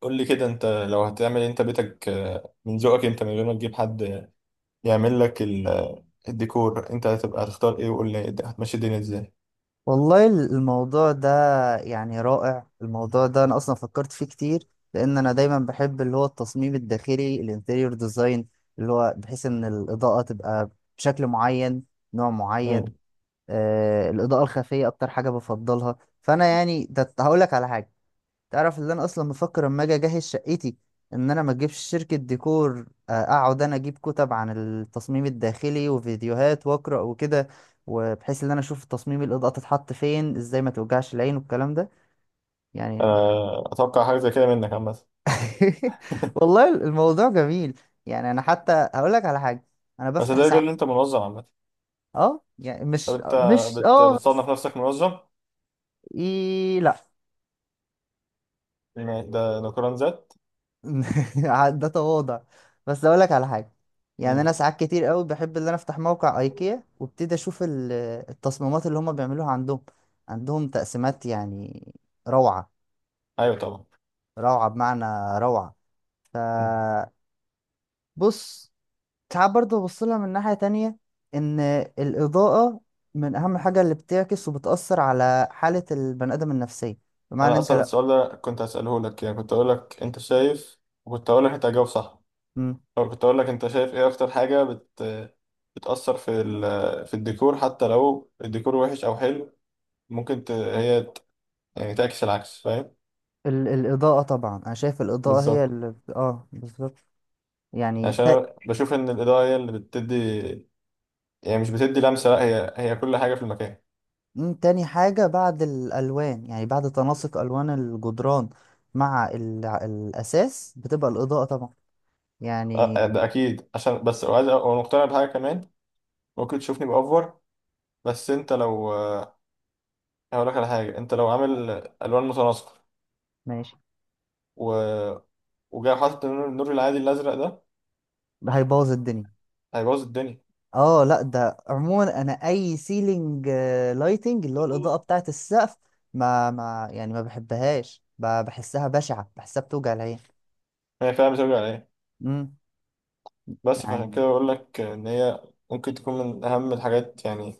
قول لي كده، انت لو هتعمل إيه؟ انت بيتك، من ذوقك، انت من غير ما تجيب حد يعمل لك الديكور، انت هتبقى هتختار ايه؟ وقول لي هتمشي الدنيا ازاي. والله الموضوع ده، يعني رائع الموضوع ده. انا اصلا فكرت فيه كتير، لان انا دايما بحب اللي هو التصميم الداخلي، الانتيريور ديزاين، اللي هو بحيث ان الاضاءة تبقى بشكل معين، نوع معين. امم. الاضاءة الخفية اكتر حاجة بفضلها. فانا يعني ده هقول لك على حاجة. تعرف اللي انا اصلا بفكر اما اجي اجهز شقتي، ان انا ما اجيبش شركة ديكور، اقعد انا اجيب كتب عن التصميم الداخلي وفيديوهات واقرا وكده، وبحيث ان انا اشوف تصميم الاضاءة تتحط فين ازاي، ما توجعش العين والكلام ده يعني. اتوقع حاجه زي كده منك عامه. والله الموضوع جميل. يعني انا حتى هقول لك على حاجة، انا بس بفتح ده يدل ان ساعات. انت منظم عامه. اه يعني طب مش انت مش اه. بتصنف نفسك منظم؟ إيه لا. يعني ده قرار ذات. ده تواضع. بس اقول لك على حاجه، يعني انا امم. ساعات كتير قوي بحب ان انا افتح موقع ايكيا وابتدي اشوف التصميمات اللي هم بيعملوها عندهم. عندهم تقسيمات يعني، روعه ايوه طبعا. روعه بمعنى، روعه. ف بص، ساعات برضه ببص لها من ناحيه تانية، ان الاضاءه من اهم حاجه اللي بتعكس وبتاثر على حاله البني ادم النفسيه. بمعنى انا انت، اصلا لا. السؤال ده كنت هسأله لك، يعني كنت اقول لك انت شايف، وكنت اقول لك انت هتجاوب صح، مم. او كنت اقول لك انت شايف ايه اكتر حاجة بتأثر في الديكور، حتى لو الديكور وحش او حلو. ممكن هي يعني تعكس العكس، فاهم؟ الاضاءه طبعا، انا شايف الاضاءه هي بالظبط. اللي بالظبط يعني. عشان انا بشوف ان الإضاءة هي اللي بتدي، يعني مش بتدي لمسة، لا هي كل حاجة في المكان. مم، تاني حاجة بعد الألوان، يعني بعد تناسق ألوان الجدران مع الأساس، بتبقى الإضاءة طبعا أه يعني. آه، ده اكيد، عشان بس وعايز وانا مقتنع بحاجة كمان. ممكن تشوفني بأوفر، بس انت لو، هقول لك على حاجة، انت لو عامل الوان متناسقة ماشي. و... وجاي حاطط النور العادي الازرق، ده ده هيبوظ الدنيا. هيبوظ الدنيا. اه لا، ده عموما انا اي سيلينج لايتنج، اللي هو الاضاءه بتاعه السقف، ما يعني ما بحبهاش، بحسها بشعه، بحسها بتوجع العين. هي فعلا بترجع لايه؟ امم بس فعشان يعني، كده بقول لك ان هي ممكن تكون من اهم الحاجات، يعني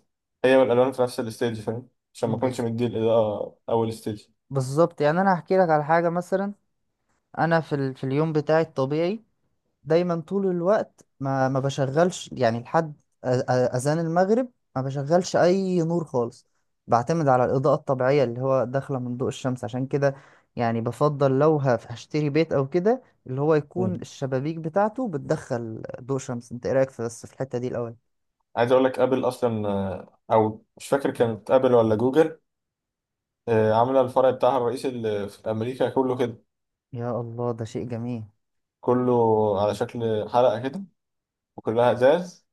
هي والالوان في نفس الستيج، فاهم؟ عشان ما اكونش بز... مدي الاضاءه اول ستيج. بالظبط يعني. انا هحكي لك على حاجه مثلا. انا في في اليوم بتاعي الطبيعي، دايما طول الوقت ما بشغلش يعني لحد اذان المغرب. ما بشغلش اي نور خالص. بعتمد على الاضاءه الطبيعيه اللي هو داخله من ضوء الشمس، عشان كده يعني بفضل لو هشتري بيت او كده، اللي هو مم. يكون الشبابيك بتاعته بتدخل ضوء شمس. انت ايه رايك، في بس في الحته دي الاول؟ عايز اقول لك، ابل اصلا، او مش فاكر كانت ابل ولا جوجل، عامله الفرع بتاعها الرئيسي اللي في امريكا كله كده، يا الله، ده شيء جميل. كله على شكل حلقه كده، وكلها ازاز،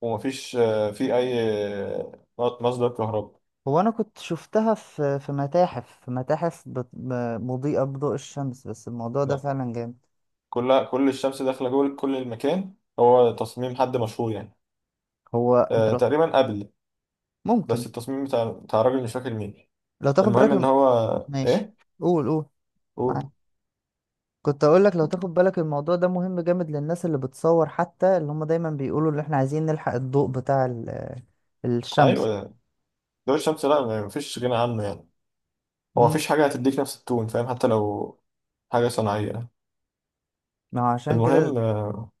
ومفيش، فيه اي، مصدر كهرباء. هو انا كنت شفتها في متاحف، مضيئه بضوء الشمس، بس الموضوع ده فعلا جامد. كل الشمس داخله جوه كل المكان، هو تصميم حد مشهور يعني. هو انت لو تقريبا قبل، بس ممكن، التصميم بتاع الراجل مش فاكر مين. لو تاخد المهم ان بالك. هو، ماشي. ايه؟ قول قول، قول. معاك. كنت اقول لك، لو تاخد بالك الموضوع ده مهم جامد للناس اللي بتصور، حتى اللي هم دايما بيقولوا اللي احنا عايزين نلحق الضوء بتاع الشمس. ايوه، ضوء الشمس، لا مفيش غنى عنه يعني. هو امم مفيش حاجه هتديك نفس التون، فاهم؟ حتى لو حاجه صناعيه. ما هو عشان كده. المهم،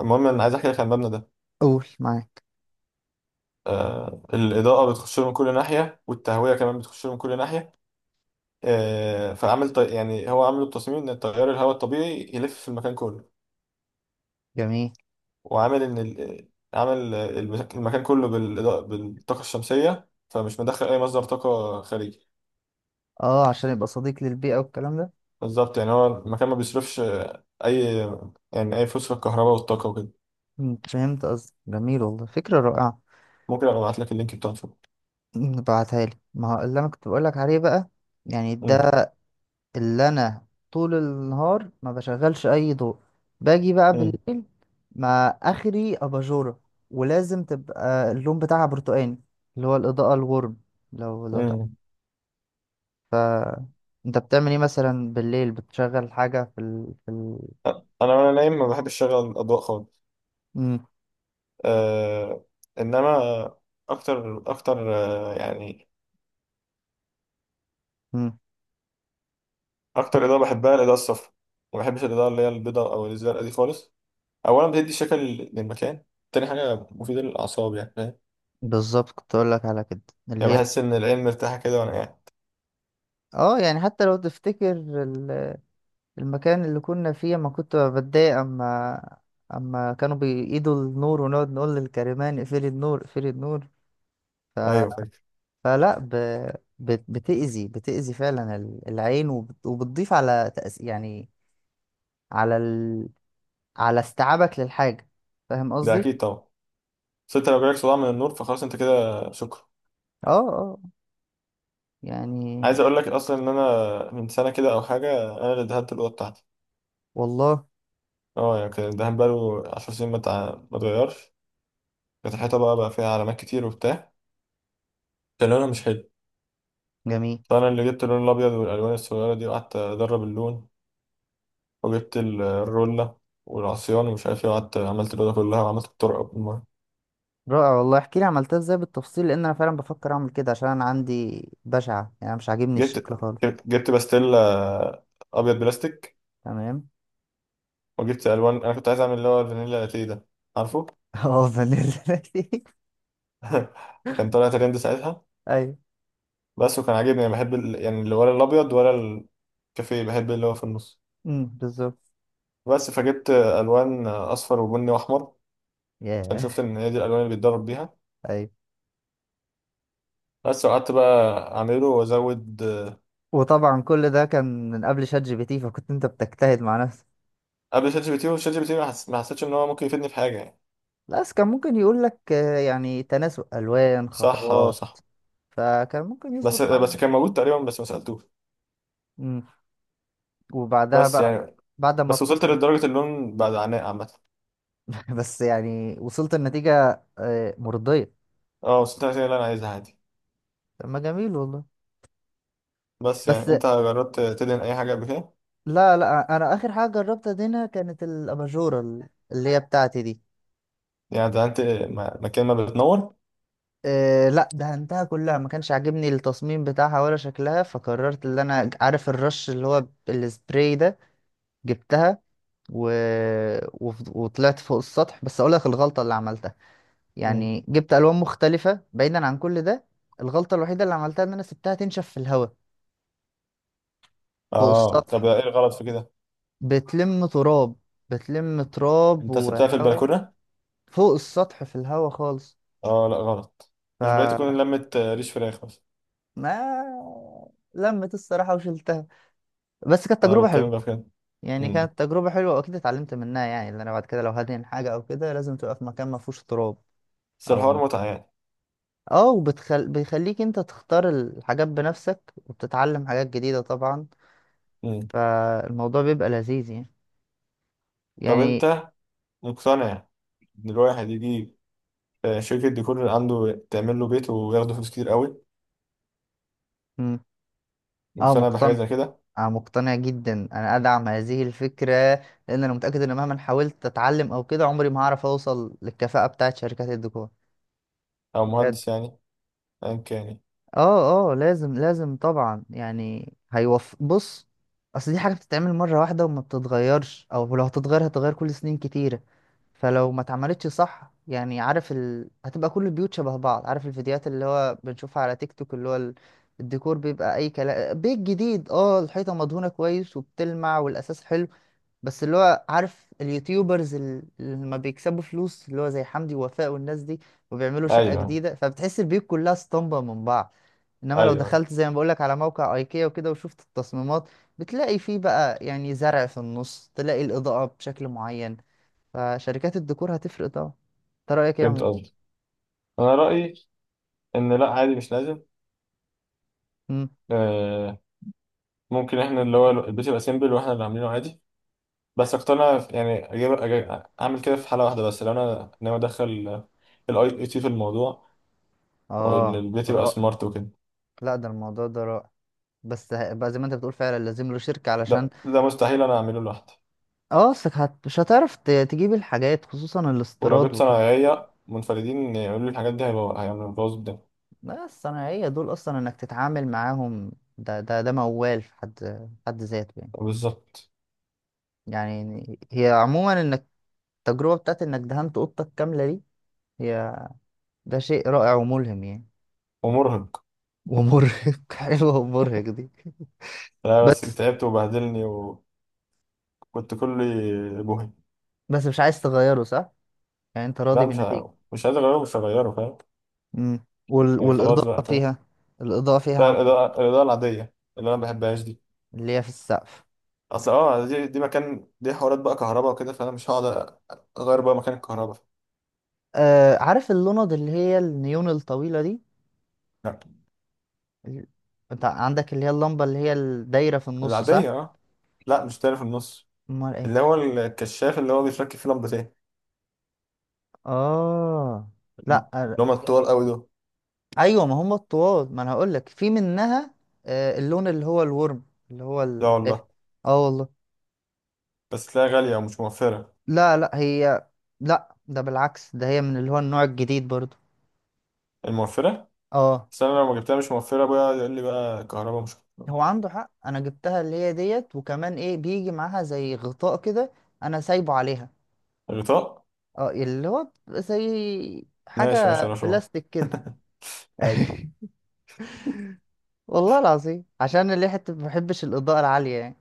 المهم انا عايز احكي لك عن المبنى ده. قول، معاك. الاضاءه بتخش له من كل ناحيه، والتهويه كمان بتخش له من كل ناحيه. فعمل يعني هو عامل التصميم ان تيار الهواء الطبيعي يلف في المكان كله، جميل. وعامل ان عامل المكان كله بالإضاءة، بالطاقه الشمسيه، فمش مدخل اي مصدر طاقه خارجي. اه عشان يبقى صديق للبيئة والكلام ده. بالظبط، يعني هو المكان ما بيصرفش اي، يعني اي فلوس في الكهرباء والطاقه وكده. مم، فهمت قصدي، جميل والله، فكرة رائعة. ممكن ابقى ابعت لك اللينك بتاعته. مم، ابعتها لي، ما هو اللي انا كنت بقول لك عليه بقى. يعني ده مم. اللي انا طول النهار ما بشغلش اي ضوء، باجي بقى مم. بالليل ما اخري اباجوره، ولازم تبقى اللون بتاعها برتقاني، اللي هو الاضاءة الورم. لو لو مم. ف انت بتعمل ايه مثلا بالليل؟ بتشغل حاجة في أ- انا وانا نايم ما بحبش اشغل الاضواء خالص. مم. أه... انما اكتر اكتر، يعني مم. اكتر اضاءه بحبها الاضاءه الصفراء. ما بحبش الاضاءه اللي هي البيضاء او الزرقاء دي خالص. اولا بتدي شكل للمكان، تاني حاجه مفيده للاعصاب، يعني فاهم؟ بالظبط، كنت اقول لك على كده، اللي يعني هي بحس ان العين مرتاحه كده وانا قاعد. اه يعني، حتى لو تفتكر المكان اللي كنا فيه، ما كنت بتضايق اما كانوا بيقيدوا النور، ونقعد نقول للكريمان اقفلي النور، اقفلي النور. ايوه فاكر. فلا ب... بتأذي فعلا العين، وبتضيف على يعني على على استيعابك للحاجة. فاهم ده قصدي؟ اكيد طبعا. بس انت لو جالك صداع من النور فخلاص انت كده شكرا. اه، اه، يعني عايز اقول لك اصلا ان انا من سنه كده او حاجه، انا اللي دهنت الاوضه بتاعتي. والله اه، يعني كان الدهان بقاله 10 سنين، ما اتغيرش. كانت الحيطه بقى فيها علامات كتير وبتاع، كان لونها مش حلو. جميل. فانا اللي جبت اللون الابيض والالوان الصغيره دي، وقعدت ادرب اللون، وجبت الرولة والعصيان ومش عارف ايه، وقعدت عملت الأوضة كلها وعملت الطرقة. رائع والله، احكي لي عملتها ازاي بالتفصيل، لان انا فعلا بفكر اعمل كده، عشان انا عندي بشعة يعني، أنا مش عاجبني جبت الشكل خالص. جبت باستيلا ابيض بلاستيك، تمام. وجبت الوان. انا كنت عايز اعمل اللي هو الفانيلا لاتيه ده، عارفه؟ اه فانيلا. كان طالع ترند ساعتها. ايوه. بس، وكان عاجبني، انا بحب يعني اللي ولا الابيض ولا الكافيه، بحب اللي هو في النص. بالظبط. بس، فجبت الوان اصفر وبني واحمر، عشان ياه. شفت ان هي دي الالوان اللي بيتدرب بيها. ايوه. بس وقعدت بقى اعمله وازود. وطبعا كل ده كان من قبل شات جي بي تي، فكنت انت بتجتهد مع نفسك. قبل شات جي بي تي، وشات جي بي تي ما حسيتش ان هو ممكن يفيدني في حاجه يعني. لا بس كان ممكن يقول لك، يعني تناسق الوان، صح، اه، خطوات، صح. فكان ممكن يظبط بس معانا. كان موجود تقريبا، بس ما سالتوش. امم وبعدها بس بقى، يعني، بعد ما بس وصلت بتخلص. لدرجة اللون بعد عناء عامة. بس يعني وصلت النتيجة مرضية. اه وصلت للنتيجة اللي أنا عايزها عادي. طب ما جميل والله. بس بس يعني، أنت جربت تدهن أي حاجة قبل كده؟ لا، لا، انا اخر حاجة جربتها دينا كانت الاباجورة، اللي هي بتاعتي دي. يعني دهنت مكان ما بتنور؟ إيه لا، دهنتها كلها، ما كانش عاجبني التصميم بتاعها ولا شكلها، فقررت ان انا، عارف الرش اللي هو السبراي ده، جبتها و... وطلعت فوق السطح. بس اقول لك الغلطة اللي عملتها، مم. يعني جبت الوان مختلفة بعيدا عن كل ده. الغلطة الوحيدة اللي عملتها ان انا سبتها تنشف في الهواء، فوق اه، طب السطح، إيه الغلط في كده؟ بتلم تراب، بتلم تراب أنت سبتها في وهواء. البلكونة؟ فوق السطح، في الهواء خالص. اه لا غلط. مش بقيت تكون فما لمة، ريش فراخ مثلا. لمت الصراحة، وشلتها. بس كانت أنا تجربة بتكلم حلوة. بقى في كده. يعني مم. كانت تجربة حلوة، وأكيد اتعلمت منها، يعني اللي أنا بعد كده لو هدهن حاجة أو كده، لازم تبقى في مكان ما فيهوش تراب. بس أو الحوار متعة يعني. بيخليك أنت تختار الحاجات بنفسك، وبتتعلم حاجات جديدة طبعا. مم. فالموضوع بيبقى لذيذ يعني طب يعني أنت مقتنع إن الواحد يجي، شركة ديكور اللي عنده تعمل له بيت وياخده فلوس كتير قوي؟ مم. أه مقتنع بحاجة مقتنع. زي كده؟ أه مقتنع جدا، أنا أدعم هذه الفكرة، لأن أنا متأكد إن مهما حاولت أتعلم أو كده، عمري ما هعرف أوصل للكفاءة بتاعت شركات الديكور أو بجد. مهندس يعني، أيا كان يعني. اه، اه، لازم لازم طبعا، يعني هيوف، بص، اصل دي حاجه بتتعمل مره واحده، وما بتتغيرش، او لو هتتغير هتتغير كل سنين كتيره. فلو ما اتعملتش صح يعني، عارف هتبقى كل البيوت شبه بعض. عارف الفيديوهات اللي هو بنشوفها على تيك توك، اللي هو الديكور بيبقى اي كلام، بيت جديد، اه الحيطه مدهونه كويس وبتلمع والاساس حلو. بس اللي هو عارف اليوتيوبرز اللي ما بيكسبوا فلوس، اللي هو زي حمدي ووفاء والناس دي، وبيعملوا شقه أيوه. جديده، فبتحس البيوت كلها اسطمبه من بعض. انما لو أيوه دخلت زي ما بقولك على موقع ايكيا وكده، وشفت التصميمات، بتلاقي فيه بقى، يعني زرع في النص، تلاقي الاضاءة بشكل معين. فشركات الديكور هتفرق طبعا. انت رأيك ايه يا فهمت عمو؟ قصدي. انا رايي ان لا، عادي، مش لازم. مم. آه، ممكن احنا اللي هو البيت يبقى سيمبل واحنا اللي عاملينه عادي. بس اقتنع يعني اجيب، أجيب اعمل كده في حاله واحده بس، لو انا ناوي ادخل الاي اي تي في الموضوع، وان اه البيت يبقى رائع. سمارت وكده. لا، ده الموضوع ده رائع. بس بقى زي ما انت بتقول، فعلا لازم له شركة علشان. ده ده مستحيل انا اعمله لوحدي. اه، اصلك مش هتعرف تجيب الحاجات، خصوصا ولو الاستيراد جبت وكده. صنايعيه منفردين يعملوا لي الحاجات دي، هيبقى هيعملوا بوظ الدنيا. لا، الصناعية دول اصلا انك تتعامل معاهم، ده موال في حد ذاته يعني. بالظبط. يعني هي عموما، انك، التجربة بتاعت إنك دهنت أوضتك كاملة دي، هي، ده شيء رائع وملهم يعني. ومرهق. ومرهق. حلوة ومرهق دي. لا بس بس تعبت وبهدلني، وكنت كلي بوهي. بس مش عايز تغيره صح؟ يعني أنت راضي لا بالنتيجة. مش عايز اغيره، مش هغيره فاهم. يعني خلاص والإضاءة بقى، فاهم. فيها. الإضاءة فيها لا، عملت الإضاءة العادية اللي أنا ما بحبهاش دي. اللي هي في السقف؟ أصل أه دي مكان، دي حوارات بقى كهرباء وكده، فأنا مش هقعد أغير بقى مكان الكهرباء. آه، عارف اللوند اللي هي النيون الطويلة دي، لا ال- أنت عندك اللي هي اللمبة اللي هي الدايرة في النص صح؟ العادية، أه. لا مش تاني في النص. أمال اللي إيه؟ هو الكشاف اللي هو بيتركب فيه لمبتين. آه. اللي لأ. هما الطوال أوي دول. ايوه، ما هم الطواد، ما انا هقول لك في منها. آه، اللون اللي هو الورم، اللي هو لا الدافئ. والله. اه والله. بس تلاقيها غالية ومش موفرة. لا، لا هي، لا ده بالعكس، ده هي من اللي هو النوع الجديد برضو. الموفرة. اه، بس أنا لو ما جبتها مش موفرة بقى يقول لي بقى كهرباء مش. هو عنده حق، انا جبتها اللي هي ديت، وكمان ايه بيجي معاها زي غطاء كده. انا سايبه عليها. الغطاء. اه، اللي هو زي ماشي ماشي حاجة يا رشوان بلاستيك كده. أيوة. والله العظيم، عشان اللي حتة ما بحبش الإضاءة العالية يعني.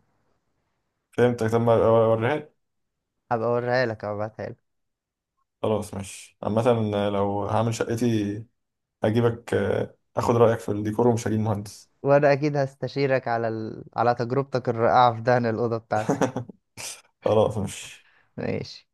فهمتك، طب ما أوريها لي. هبقى اوريها لك، هبعتها لك. خلاص ماشي عامة، لو هعمل شقتي هجيبك، اخد رايك في الديكور ومش هجيب مهندس. وانا اكيد هستشيرك على على تجربتك الرائعة في دهن الأوضة بتاعتي. خلاص مش. ماشي.